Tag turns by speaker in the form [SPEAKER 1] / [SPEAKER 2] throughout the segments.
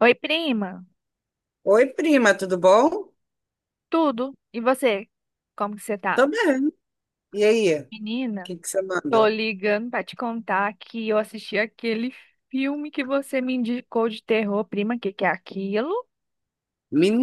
[SPEAKER 1] Oi, prima.
[SPEAKER 2] Oi, prima, tudo bom?
[SPEAKER 1] Tudo? E você? Como que você tá?
[SPEAKER 2] Tô bem. E aí, o
[SPEAKER 1] Menina,
[SPEAKER 2] que que você
[SPEAKER 1] tô
[SPEAKER 2] manda?
[SPEAKER 1] ligando pra te contar que eu assisti aquele filme que você me indicou de terror, prima, que é aquilo?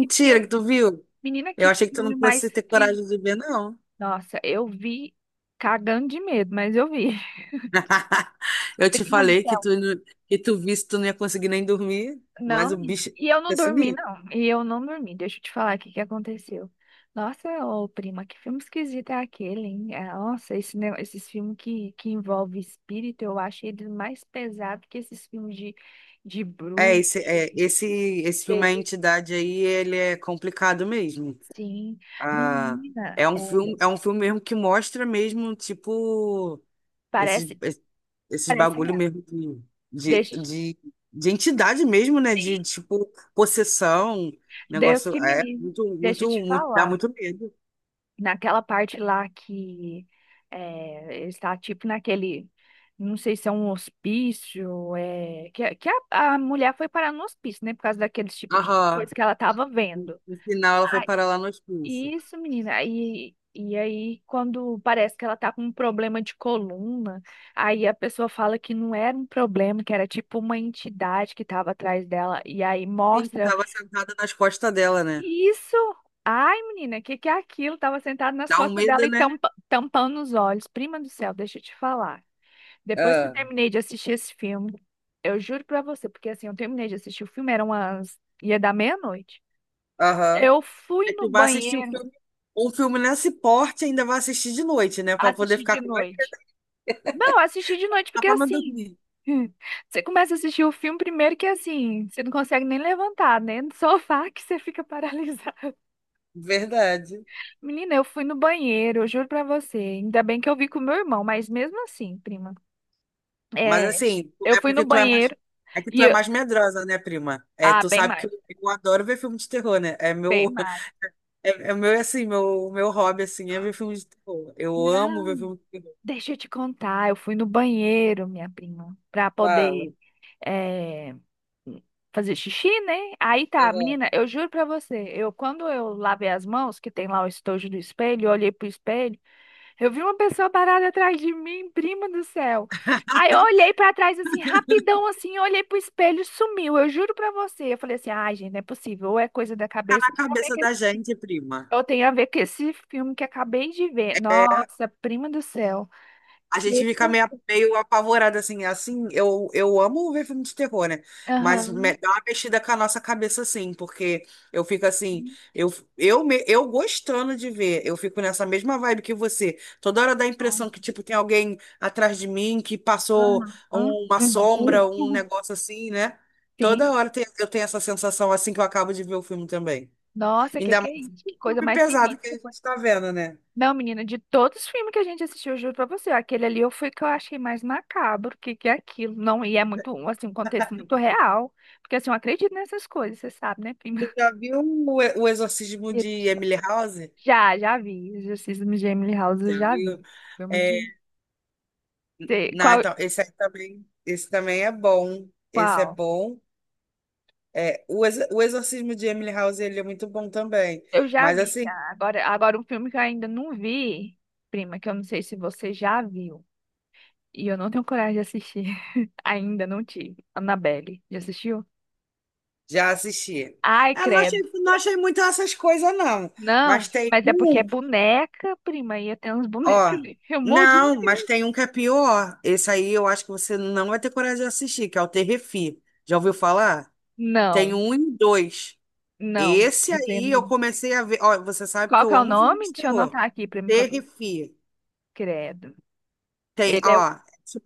[SPEAKER 1] Que filme?
[SPEAKER 2] que tu viu.
[SPEAKER 1] Menina,
[SPEAKER 2] Eu
[SPEAKER 1] que
[SPEAKER 2] achei que tu não
[SPEAKER 1] filme mais
[SPEAKER 2] fosse ter
[SPEAKER 1] que...
[SPEAKER 2] coragem de ver, não.
[SPEAKER 1] Nossa, eu vi cagando de medo, mas eu vi.
[SPEAKER 2] Eu te
[SPEAKER 1] Prima do
[SPEAKER 2] falei que
[SPEAKER 1] céu.
[SPEAKER 2] tu, que tu visse, tu não ia conseguir nem dormir,
[SPEAKER 1] Não,
[SPEAKER 2] mas o
[SPEAKER 1] menina.
[SPEAKER 2] bicho
[SPEAKER 1] E eu não
[SPEAKER 2] é
[SPEAKER 1] dormi,
[SPEAKER 2] sinistro.
[SPEAKER 1] não. E eu não dormi. Deixa eu te falar aqui o que aconteceu. Nossa, ô prima, que filme esquisito é aquele, hein? É, nossa, esses filmes que, envolvem espírito, eu acho eles mais pesados que esses filmes de
[SPEAKER 2] É,
[SPEAKER 1] bruxa,
[SPEAKER 2] esse, é,
[SPEAKER 1] de
[SPEAKER 2] esse, esse filme, A
[SPEAKER 1] ter-
[SPEAKER 2] Entidade aí, ele é complicado mesmo.
[SPEAKER 1] Sim.
[SPEAKER 2] Ah,
[SPEAKER 1] Menina, é,
[SPEAKER 2] é um filme mesmo que mostra mesmo, tipo. Esses,
[SPEAKER 1] parece,
[SPEAKER 2] es- esses
[SPEAKER 1] parece
[SPEAKER 2] bagulho
[SPEAKER 1] real.
[SPEAKER 2] mesmo de,
[SPEAKER 1] Deixa eu te...
[SPEAKER 2] de, de entidade mesmo, né? De,
[SPEAKER 1] Sim,
[SPEAKER 2] tipo, possessão,
[SPEAKER 1] Deus
[SPEAKER 2] negócio.
[SPEAKER 1] que me
[SPEAKER 2] É
[SPEAKER 1] livre.
[SPEAKER 2] muito,
[SPEAKER 1] Deixa eu
[SPEAKER 2] muito,
[SPEAKER 1] te
[SPEAKER 2] muito, dá
[SPEAKER 1] falar.
[SPEAKER 2] muito medo.
[SPEAKER 1] Naquela parte lá que é, ele está tipo naquele, não sei se é um hospício, é, que a mulher foi parar no hospício, né, por causa daqueles tipo de
[SPEAKER 2] Aham.
[SPEAKER 1] coisa que ela estava
[SPEAKER 2] No
[SPEAKER 1] vendo.
[SPEAKER 2] no final ela
[SPEAKER 1] Ah,
[SPEAKER 2] foi parar lá no hospício.
[SPEAKER 1] isso, menina, e aí quando parece que ela tá com um problema de coluna, aí a pessoa fala que não era um problema, que era tipo uma entidade que estava atrás dela, e aí
[SPEAKER 2] Tem que
[SPEAKER 1] mostra
[SPEAKER 2] tava sentada nas costas dela, né?
[SPEAKER 1] isso! Ai, menina, o que que é aquilo? Tava sentado nas
[SPEAKER 2] Dá um
[SPEAKER 1] costas dela
[SPEAKER 2] medo,
[SPEAKER 1] e
[SPEAKER 2] né?
[SPEAKER 1] tampando os olhos. Prima do céu, deixa eu te falar. Depois que eu
[SPEAKER 2] Ah,
[SPEAKER 1] terminei de assistir esse filme, eu juro pra você, porque assim, eu terminei de assistir o filme, eram umas... ia dar meia-noite.
[SPEAKER 2] aham.
[SPEAKER 1] Eu fui
[SPEAKER 2] É
[SPEAKER 1] no
[SPEAKER 2] que vai assistir o
[SPEAKER 1] banheiro
[SPEAKER 2] filme, um filme nesse porte, ainda vai assistir de noite, né? Pra poder
[SPEAKER 1] assistir
[SPEAKER 2] ficar
[SPEAKER 1] de
[SPEAKER 2] com mais,
[SPEAKER 1] noite. Não, assisti de noite porque
[SPEAKER 2] pra não
[SPEAKER 1] assim,
[SPEAKER 2] dormir.
[SPEAKER 1] você começa a assistir o filme primeiro que assim, você não consegue nem levantar, né? No sofá que você fica paralisado.
[SPEAKER 2] Verdade.
[SPEAKER 1] Menina, eu fui no banheiro, eu juro pra você. Ainda bem que eu vi com meu irmão, mas mesmo assim, prima.
[SPEAKER 2] Mas
[SPEAKER 1] É,
[SPEAKER 2] assim,
[SPEAKER 1] eu
[SPEAKER 2] é
[SPEAKER 1] fui no
[SPEAKER 2] porque tu é mais.
[SPEAKER 1] banheiro
[SPEAKER 2] É que tu
[SPEAKER 1] e.
[SPEAKER 2] é mais medrosa, né, prima? É,
[SPEAKER 1] Ah,
[SPEAKER 2] tu
[SPEAKER 1] bem
[SPEAKER 2] sabe que
[SPEAKER 1] mais,
[SPEAKER 2] eu adoro ver filme de terror, né? É
[SPEAKER 1] bem
[SPEAKER 2] meu,
[SPEAKER 1] mais.
[SPEAKER 2] é, é meu assim, meu hobby assim é ver filme de terror. Eu amo ver
[SPEAKER 1] Não,
[SPEAKER 2] filme de terror.
[SPEAKER 1] deixa eu te contar. Eu fui no banheiro, minha prima, pra
[SPEAKER 2] Fala.
[SPEAKER 1] poder é, fazer xixi, né? Aí tá,
[SPEAKER 2] Aham.
[SPEAKER 1] menina, eu juro pra você. Eu, quando eu lavei as mãos, que tem lá o estojo do espelho, eu olhei pro espelho. Eu vi uma pessoa parada atrás de mim, prima do céu. Aí eu olhei pra trás assim, rapidão assim, eu olhei pro espelho e sumiu. Eu juro pra você. Eu falei assim: "Ai, gente, não é possível. Ou é coisa da
[SPEAKER 2] Fica na
[SPEAKER 1] cabeça, ou tem a ver
[SPEAKER 2] cabeça
[SPEAKER 1] com
[SPEAKER 2] da
[SPEAKER 1] esse
[SPEAKER 2] gente, prima.
[SPEAKER 1] ou tem a ver com esse filme que acabei de ver".
[SPEAKER 2] É,
[SPEAKER 1] Nossa, prima do céu.
[SPEAKER 2] a gente fica
[SPEAKER 1] Que
[SPEAKER 2] meio, meio apavorada, assim, assim, eu amo ver filme de terror, né? Mas
[SPEAKER 1] Aham.
[SPEAKER 2] dá uma mexida com a nossa cabeça, assim, porque eu fico assim, eu, eu gostando de ver, eu fico nessa mesma vibe que você. Toda hora dá a impressão que, tipo, tem alguém atrás de mim que passou
[SPEAKER 1] Aham. Aham.
[SPEAKER 2] uma sombra, um negócio assim, né?
[SPEAKER 1] Sim.
[SPEAKER 2] Eu tenho essa sensação, assim, que eu acabo de ver o filme também.
[SPEAKER 1] Nossa,
[SPEAKER 2] Ainda
[SPEAKER 1] que
[SPEAKER 2] mais
[SPEAKER 1] é isso? Que
[SPEAKER 2] o
[SPEAKER 1] coisa
[SPEAKER 2] filme
[SPEAKER 1] mais
[SPEAKER 2] pesado que a
[SPEAKER 1] sinistra.
[SPEAKER 2] gente tá vendo, né?
[SPEAKER 1] Não, menina, de todos os filmes que a gente assistiu, eu juro pra você, aquele ali eu fui que eu achei mais macabro, que é aquilo, não, e é muito, assim, um contexto muito real, porque assim, eu acredito nessas coisas, você sabe, né, prima?
[SPEAKER 2] Tu já viu o Exorcismo
[SPEAKER 1] E
[SPEAKER 2] de
[SPEAKER 1] esses-
[SPEAKER 2] Emily House?
[SPEAKER 1] Já, já vi. Exorcismo de Emily House eu
[SPEAKER 2] Já
[SPEAKER 1] já vi,
[SPEAKER 2] viu?
[SPEAKER 1] filme
[SPEAKER 2] É,
[SPEAKER 1] de... Cê-
[SPEAKER 2] não,
[SPEAKER 1] Qual,
[SPEAKER 2] então, esse aí também, esse também é bom. Esse é
[SPEAKER 1] qual?
[SPEAKER 2] bom. É, o Exorcismo de Emily House, ele é muito bom também.
[SPEAKER 1] Eu já
[SPEAKER 2] Mas
[SPEAKER 1] vi, já.
[SPEAKER 2] assim,
[SPEAKER 1] Agora, agora um filme que eu ainda não vi, prima, que eu não sei se você já viu, e eu não tenho coragem de assistir, ainda não tive, Annabelle, já assistiu?
[SPEAKER 2] já assisti.
[SPEAKER 1] Ai,
[SPEAKER 2] Ah, não
[SPEAKER 1] credo.
[SPEAKER 2] achei, não achei muito essas coisas, não.
[SPEAKER 1] Não,
[SPEAKER 2] Mas tem
[SPEAKER 1] mas é porque é
[SPEAKER 2] um,
[SPEAKER 1] boneca, prima, e eu tenho uns bonecos
[SPEAKER 2] ó.
[SPEAKER 1] ali. Eu morro de...
[SPEAKER 2] Não, mas tem um que é pior. Esse aí eu acho que você não vai ter coragem de assistir, que é o Terrefi. Já ouviu falar?
[SPEAKER 1] Não,
[SPEAKER 2] Tem um e dois.
[SPEAKER 1] não.
[SPEAKER 2] Esse
[SPEAKER 1] Esse aí eu
[SPEAKER 2] aí eu
[SPEAKER 1] não-
[SPEAKER 2] comecei a ver. Ó, você sabe que
[SPEAKER 1] Qual que
[SPEAKER 2] eu
[SPEAKER 1] é o
[SPEAKER 2] amo filme
[SPEAKER 1] nome?
[SPEAKER 2] de
[SPEAKER 1] Deixa eu
[SPEAKER 2] terror.
[SPEAKER 1] anotar aqui pra mim poder...
[SPEAKER 2] Terrifia.
[SPEAKER 1] Credo.
[SPEAKER 2] Tem,
[SPEAKER 1] Ele é... o-
[SPEAKER 2] ó,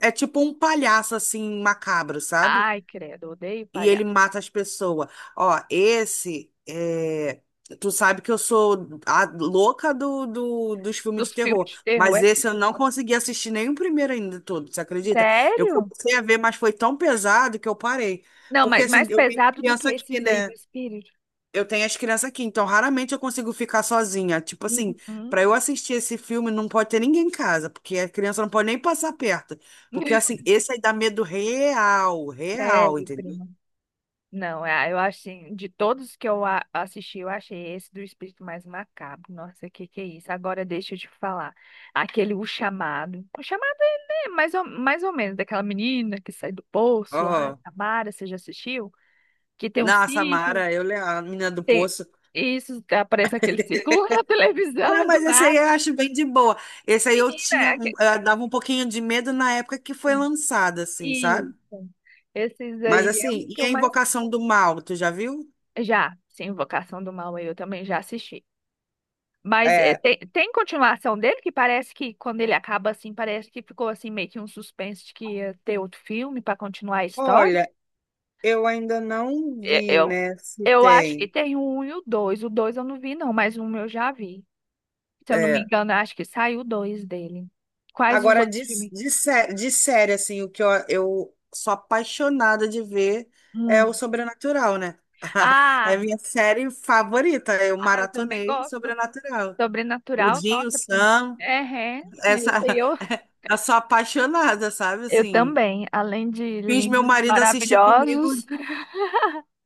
[SPEAKER 2] é tipo um palhaço assim macabro, sabe?
[SPEAKER 1] Ai, credo, odeio
[SPEAKER 2] E ele
[SPEAKER 1] palhaço.
[SPEAKER 2] mata as pessoas. Ó, esse é. Tu sabe que eu sou a louca dos filmes
[SPEAKER 1] Dos
[SPEAKER 2] de
[SPEAKER 1] filmes
[SPEAKER 2] terror,
[SPEAKER 1] de terror,
[SPEAKER 2] mas
[SPEAKER 1] é...
[SPEAKER 2] esse eu não consegui assistir nem o primeiro ainda todo, você acredita? Eu
[SPEAKER 1] Sério?
[SPEAKER 2] comecei a ver, mas foi tão pesado que eu parei.
[SPEAKER 1] Não,
[SPEAKER 2] Porque
[SPEAKER 1] mas
[SPEAKER 2] assim,
[SPEAKER 1] mais
[SPEAKER 2] eu tenho
[SPEAKER 1] pesado do que
[SPEAKER 2] criança aqui,
[SPEAKER 1] esses aí do
[SPEAKER 2] né?
[SPEAKER 1] espírito.
[SPEAKER 2] Eu tenho as crianças aqui, então raramente eu consigo ficar sozinha. Tipo assim,
[SPEAKER 1] Uhum.
[SPEAKER 2] pra eu assistir esse filme não pode ter ninguém em casa, porque a criança não pode nem passar perto. Porque assim, esse aí dá medo real, real,
[SPEAKER 1] Sério,
[SPEAKER 2] entendeu?
[SPEAKER 1] prima. Não, é, eu acho assim, de todos que eu assisti, eu achei esse do espírito mais macabro. Nossa, que é isso? Agora deixa eu te falar. Aquele O Chamado. O Chamado é né, mais ou menos daquela menina que sai do poço lá,
[SPEAKER 2] Aham.
[SPEAKER 1] Tamara, você já assistiu? Que tem um
[SPEAKER 2] Na
[SPEAKER 1] círculo,
[SPEAKER 2] Samara, a menina do
[SPEAKER 1] tem
[SPEAKER 2] poço.
[SPEAKER 1] isso, aparece aquele círculo na
[SPEAKER 2] Não,
[SPEAKER 1] televisão do
[SPEAKER 2] mas esse aí
[SPEAKER 1] nada.
[SPEAKER 2] eu acho bem de boa. Esse aí eu
[SPEAKER 1] Menina,
[SPEAKER 2] tinha,
[SPEAKER 1] é que-
[SPEAKER 2] eu dava um pouquinho de medo na época que foi
[SPEAKER 1] sim,
[SPEAKER 2] lançado, assim, sabe?
[SPEAKER 1] isso. Esses
[SPEAKER 2] Mas
[SPEAKER 1] aí é o
[SPEAKER 2] assim,
[SPEAKER 1] que
[SPEAKER 2] e
[SPEAKER 1] eu
[SPEAKER 2] a
[SPEAKER 1] mais
[SPEAKER 2] Invocação do Mal, tu já viu?
[SPEAKER 1] já, sim, Invocação do Mal eu também já assisti. Mas é,
[SPEAKER 2] É.
[SPEAKER 1] tem, tem continuação dele que parece que quando ele acaba assim, parece que ficou assim meio que um suspense de que ia ter outro filme para continuar a história.
[SPEAKER 2] Olha, eu ainda não
[SPEAKER 1] E-
[SPEAKER 2] vi,
[SPEAKER 1] Eu,
[SPEAKER 2] né, se
[SPEAKER 1] eu acho que
[SPEAKER 2] tem.
[SPEAKER 1] tem o um e o dois. O dois eu não vi não, mas um eu já vi. Se eu não me
[SPEAKER 2] É.
[SPEAKER 1] engano, eu acho que saiu o dois dele. Quais os
[SPEAKER 2] Agora,
[SPEAKER 1] outros filmes?
[SPEAKER 2] de série, assim, o que eu sou apaixonada de ver é o
[SPEAKER 1] Hum.
[SPEAKER 2] Sobrenatural, né? É
[SPEAKER 1] Ah,
[SPEAKER 2] minha série favorita. Eu
[SPEAKER 1] ah, eu também
[SPEAKER 2] maratonei
[SPEAKER 1] gosto.
[SPEAKER 2] Sobrenatural. O
[SPEAKER 1] Sobrenatural,
[SPEAKER 2] Jim, o
[SPEAKER 1] nossa.
[SPEAKER 2] Sam,
[SPEAKER 1] É, é.
[SPEAKER 2] essa.
[SPEAKER 1] Esse aí
[SPEAKER 2] Eu sou apaixonada, sabe?
[SPEAKER 1] eu
[SPEAKER 2] Assim,
[SPEAKER 1] também. Além de
[SPEAKER 2] fiz meu
[SPEAKER 1] lindos e
[SPEAKER 2] marido assistir comigo,
[SPEAKER 1] maravilhosos,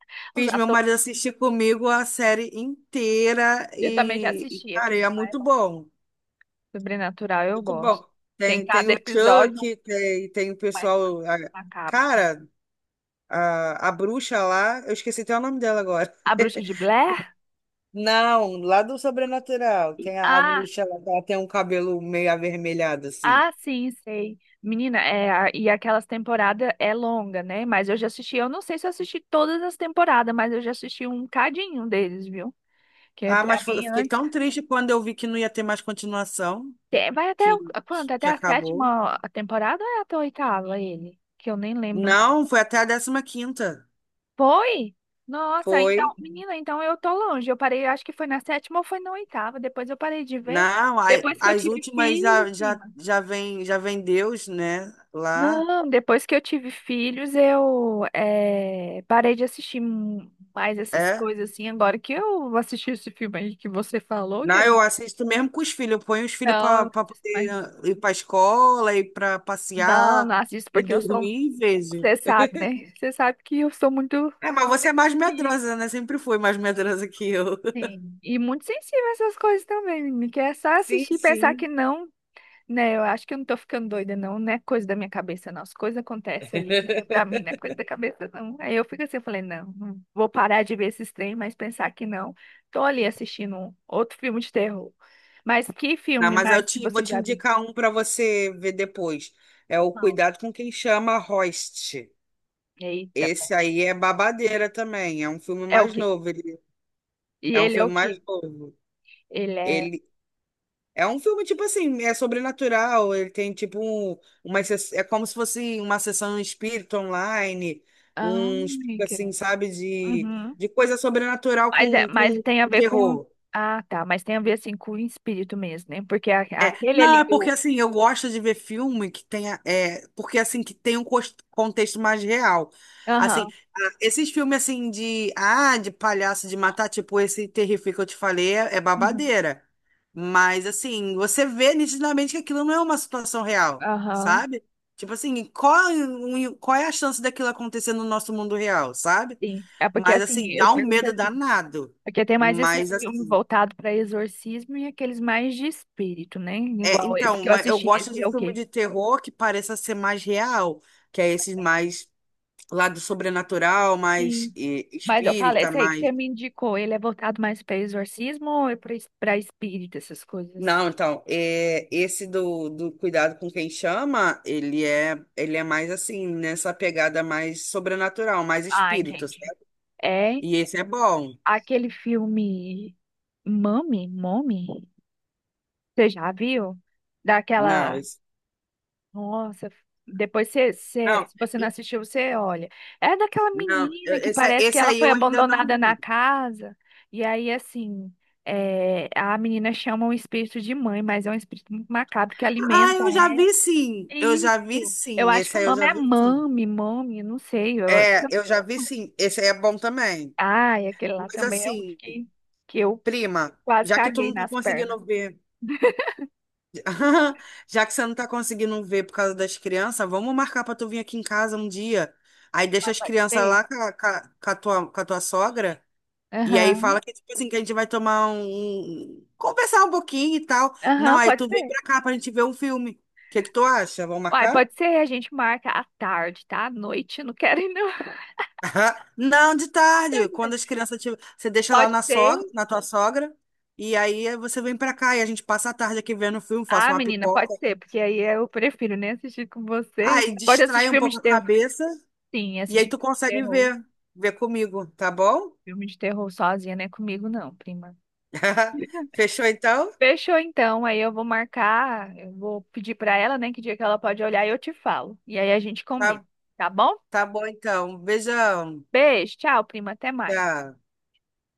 [SPEAKER 1] os
[SPEAKER 2] fiz meu
[SPEAKER 1] atores
[SPEAKER 2] marido assistir comigo a série inteira
[SPEAKER 1] eu também já
[SPEAKER 2] e
[SPEAKER 1] assisti.
[SPEAKER 2] cara,
[SPEAKER 1] Aquele
[SPEAKER 2] é
[SPEAKER 1] lá é
[SPEAKER 2] muito
[SPEAKER 1] bom.
[SPEAKER 2] bom.
[SPEAKER 1] Sobrenatural, eu
[SPEAKER 2] Muito
[SPEAKER 1] gosto.
[SPEAKER 2] bom.
[SPEAKER 1] Tem
[SPEAKER 2] Tem, tem
[SPEAKER 1] cada
[SPEAKER 2] o
[SPEAKER 1] episódio um
[SPEAKER 2] Chuck, tem, tem o
[SPEAKER 1] mais
[SPEAKER 2] pessoal.
[SPEAKER 1] macabro.
[SPEAKER 2] Cara. A bruxa lá, eu esqueci até o nome dela agora.
[SPEAKER 1] A Bruxa de Blair?
[SPEAKER 2] Não, lá do Sobrenatural. Tem a
[SPEAKER 1] Ah,
[SPEAKER 2] bruxa, ela tem um cabelo meio avermelhado, assim.
[SPEAKER 1] ah, sim, sei. Menina, é, e aquelas temporadas é longa, né? Mas eu já assisti, eu não sei se eu assisti todas as temporadas, mas eu já assisti um cadinho deles, viu? Que é
[SPEAKER 2] Ah,
[SPEAKER 1] pra
[SPEAKER 2] eu
[SPEAKER 1] mim
[SPEAKER 2] fiquei
[SPEAKER 1] antes.
[SPEAKER 2] tão triste quando eu vi que não ia ter mais continuação,
[SPEAKER 1] Vai até
[SPEAKER 2] que,
[SPEAKER 1] o- quanto? Até
[SPEAKER 2] que
[SPEAKER 1] a
[SPEAKER 2] acabou.
[SPEAKER 1] sétima temporada ou é até a oitava ele? Que eu nem lembro mais.
[SPEAKER 2] Não, foi até a décima quinta.
[SPEAKER 1] Foi? Nossa, então,
[SPEAKER 2] Foi.
[SPEAKER 1] menina, então eu tô longe. Eu parei, acho que foi na sétima ou foi na oitava. Depois eu parei de ver.
[SPEAKER 2] Não,
[SPEAKER 1] Depois que eu
[SPEAKER 2] as
[SPEAKER 1] tive
[SPEAKER 2] últimas
[SPEAKER 1] filhos,
[SPEAKER 2] já, já,
[SPEAKER 1] prima.
[SPEAKER 2] já vem Deus, né? Lá.
[SPEAKER 1] Não, depois que eu tive filhos, eu parei de assistir mais essas
[SPEAKER 2] É.
[SPEAKER 1] coisas assim. Agora que eu assisti esse filme aí que você falou, que
[SPEAKER 2] Não,
[SPEAKER 1] era.
[SPEAKER 2] eu assisto mesmo com os filhos. Eu ponho os filhos
[SPEAKER 1] Não, eu
[SPEAKER 2] para
[SPEAKER 1] não assisto mais.
[SPEAKER 2] poder ir para escola, ir para
[SPEAKER 1] Não,
[SPEAKER 2] passear
[SPEAKER 1] não assisto
[SPEAKER 2] e
[SPEAKER 1] porque eu sou.
[SPEAKER 2] dormir e vejo.
[SPEAKER 1] Você sabe, né? Você sabe que eu sou muito.
[SPEAKER 2] É, mas você é mais medrosa, né? Sempre foi mais medrosa que eu.
[SPEAKER 1] Sim. E muito sensível a essas coisas também, menina, que é só
[SPEAKER 2] Sim,
[SPEAKER 1] assistir e pensar
[SPEAKER 2] sim.
[SPEAKER 1] que não. Né, eu acho que eu não tô ficando doida, não. Não é coisa da minha cabeça, não. As coisas acontecem ali. É pra mim, não é coisa da cabeça, não. Aí eu fico assim, eu falei, não, não vou parar de ver esses trem, mas pensar que não. Tô ali assistindo um outro filme de terror. Mas que
[SPEAKER 2] Não,
[SPEAKER 1] filme
[SPEAKER 2] mas
[SPEAKER 1] mais que
[SPEAKER 2] vou
[SPEAKER 1] você
[SPEAKER 2] te
[SPEAKER 1] já viu?
[SPEAKER 2] indicar um para você ver depois. É o
[SPEAKER 1] Não.
[SPEAKER 2] Cuidado com Quem Chama Host.
[SPEAKER 1] Eita, pô.
[SPEAKER 2] Esse aí é babadeira também. É um filme
[SPEAKER 1] É o
[SPEAKER 2] mais
[SPEAKER 1] quê?
[SPEAKER 2] novo. Ele,
[SPEAKER 1] E
[SPEAKER 2] é um
[SPEAKER 1] ele é o
[SPEAKER 2] filme mais
[SPEAKER 1] quê?
[SPEAKER 2] novo.
[SPEAKER 1] Ele é.
[SPEAKER 2] Ele, é um filme, tipo assim, é sobrenatural. Ele tem, tipo, um, uma. Se- é como se fosse uma sessão espírita online,
[SPEAKER 1] Ah,
[SPEAKER 2] um
[SPEAKER 1] meu
[SPEAKER 2] espírito, assim,
[SPEAKER 1] querido.
[SPEAKER 2] sabe,
[SPEAKER 1] Uhum.
[SPEAKER 2] de coisa sobrenatural
[SPEAKER 1] Mas, é, mas
[SPEAKER 2] com
[SPEAKER 1] tem a ver com.
[SPEAKER 2] terror.
[SPEAKER 1] Ah, tá. Mas tem a ver assim com o espírito mesmo, né? Porque
[SPEAKER 2] É,
[SPEAKER 1] aquele
[SPEAKER 2] não,
[SPEAKER 1] ali
[SPEAKER 2] é porque
[SPEAKER 1] do.
[SPEAKER 2] assim, eu gosto de ver filme que tenha, é, porque assim, que tem um contexto mais real. Assim,
[SPEAKER 1] Aham.
[SPEAKER 2] ah, esses filmes assim de, ah, de palhaço de matar, tipo esse Terrific que eu te falei, é, é
[SPEAKER 1] Uhum.
[SPEAKER 2] babadeira. Mas assim, você vê nitidamente que aquilo não é uma situação real,
[SPEAKER 1] Aham.
[SPEAKER 2] sabe? Tipo assim, qual é a chance daquilo acontecer no nosso mundo real, sabe?
[SPEAKER 1] Sim, é porque
[SPEAKER 2] Mas
[SPEAKER 1] assim,
[SPEAKER 2] assim,
[SPEAKER 1] eu
[SPEAKER 2] dá um
[SPEAKER 1] pergunto
[SPEAKER 2] medo
[SPEAKER 1] assim,
[SPEAKER 2] danado.
[SPEAKER 1] porque tem mais
[SPEAKER 2] Mas
[SPEAKER 1] esses filmes
[SPEAKER 2] assim,
[SPEAKER 1] voltados para exorcismo e aqueles mais de espírito, né?
[SPEAKER 2] é,
[SPEAKER 1] Igual esse
[SPEAKER 2] então,
[SPEAKER 1] que eu
[SPEAKER 2] eu
[SPEAKER 1] assisti,
[SPEAKER 2] gosto
[SPEAKER 1] esse
[SPEAKER 2] de
[SPEAKER 1] é o
[SPEAKER 2] filme
[SPEAKER 1] quê?
[SPEAKER 2] de terror que pareça ser mais real, que é esse mais lado sobrenatural, mais
[SPEAKER 1] Sim. Mas eu falei,
[SPEAKER 2] espírita,
[SPEAKER 1] esse aí que você
[SPEAKER 2] mais.
[SPEAKER 1] me indicou, ele é voltado mais para exorcismo ou é para espírito, essas coisas?
[SPEAKER 2] Não, então, é, esse do Cuidado com Quem Chama, ele é mais assim, nessa pegada mais sobrenatural, mais
[SPEAKER 1] Ah,
[SPEAKER 2] espírito,
[SPEAKER 1] entendi.
[SPEAKER 2] certo?
[SPEAKER 1] É
[SPEAKER 2] E esse é bom.
[SPEAKER 1] aquele filme Mami, Mommy, você já viu?
[SPEAKER 2] Não,
[SPEAKER 1] Daquela
[SPEAKER 2] esse.
[SPEAKER 1] nossa, depois você, você-
[SPEAKER 2] Não,
[SPEAKER 1] se você não
[SPEAKER 2] e-
[SPEAKER 1] assistiu, você olha. É daquela menina que
[SPEAKER 2] esse,
[SPEAKER 1] parece que
[SPEAKER 2] esse
[SPEAKER 1] ela
[SPEAKER 2] aí
[SPEAKER 1] foi
[SPEAKER 2] eu ainda não
[SPEAKER 1] abandonada na
[SPEAKER 2] vi.
[SPEAKER 1] casa. E aí, assim, é, a menina chama um espírito de mãe, mas é um espírito muito macabro que
[SPEAKER 2] Ah,
[SPEAKER 1] alimenta
[SPEAKER 2] eu já
[SPEAKER 1] ela.
[SPEAKER 2] vi sim. Eu já vi
[SPEAKER 1] Isso. Eu
[SPEAKER 2] sim.
[SPEAKER 1] acho
[SPEAKER 2] Esse
[SPEAKER 1] que o
[SPEAKER 2] aí eu
[SPEAKER 1] nome
[SPEAKER 2] já
[SPEAKER 1] é
[SPEAKER 2] vi sim.
[SPEAKER 1] Mami, Mami, não sei. Eu...
[SPEAKER 2] É, eu já vi sim. Esse aí é bom também.
[SPEAKER 1] Ai, aquele lá
[SPEAKER 2] Mas
[SPEAKER 1] também é o
[SPEAKER 2] assim,
[SPEAKER 1] que, que eu
[SPEAKER 2] prima,
[SPEAKER 1] quase
[SPEAKER 2] já que tu
[SPEAKER 1] caguei
[SPEAKER 2] não tá
[SPEAKER 1] nas pernas.
[SPEAKER 2] conseguindo ver, já que você não tá conseguindo ver por causa das crianças, vamos marcar pra tu vir aqui em casa um dia. Aí deixa
[SPEAKER 1] Mas
[SPEAKER 2] as
[SPEAKER 1] pode
[SPEAKER 2] crianças
[SPEAKER 1] ser?
[SPEAKER 2] lá com a tua sogra. E aí
[SPEAKER 1] Aham,
[SPEAKER 2] fala que, tipo assim, que a gente vai tomar conversar um pouquinho e tal. Não,
[SPEAKER 1] aham,
[SPEAKER 2] aí
[SPEAKER 1] pode
[SPEAKER 2] tu vem
[SPEAKER 1] ser.
[SPEAKER 2] pra cá pra gente ver um filme. O que que tu acha? Vamos
[SPEAKER 1] Uai,
[SPEAKER 2] marcar?
[SPEAKER 1] pode ser, a gente marca à tarde, tá? À noite, eu não quero ir, não.
[SPEAKER 2] Aham. Não, de tarde,
[SPEAKER 1] Pode
[SPEAKER 2] quando as
[SPEAKER 1] ser.
[SPEAKER 2] crianças tiver, você deixa lá
[SPEAKER 1] Pode
[SPEAKER 2] na
[SPEAKER 1] ser.
[SPEAKER 2] sogra, na tua sogra, e aí você vem pra cá e a gente passa a tarde aqui vendo um filme, faço
[SPEAKER 1] Ah,
[SPEAKER 2] uma
[SPEAKER 1] menina, pode
[SPEAKER 2] pipoca.
[SPEAKER 1] ser, porque aí eu prefiro nem assistir com você.
[SPEAKER 2] Aí
[SPEAKER 1] Pode
[SPEAKER 2] distrai
[SPEAKER 1] assistir
[SPEAKER 2] um
[SPEAKER 1] filme
[SPEAKER 2] pouco
[SPEAKER 1] de
[SPEAKER 2] a
[SPEAKER 1] terror.
[SPEAKER 2] cabeça
[SPEAKER 1] Sim,
[SPEAKER 2] e aí
[SPEAKER 1] assistir
[SPEAKER 2] tu
[SPEAKER 1] filme de
[SPEAKER 2] consegue
[SPEAKER 1] terror.
[SPEAKER 2] ver, ver comigo, tá bom?
[SPEAKER 1] Filme de terror sozinha, não é comigo, não, prima.
[SPEAKER 2] Fechou então?
[SPEAKER 1] Fechou então, aí eu vou marcar, eu vou pedir pra ela, né, que dia que ela pode olhar e eu te falo. E aí a gente combina,
[SPEAKER 2] Tá,
[SPEAKER 1] tá bom?
[SPEAKER 2] tá bom então. Beijão.
[SPEAKER 1] Beijo, tchau, prima, até mais.
[SPEAKER 2] Tchau.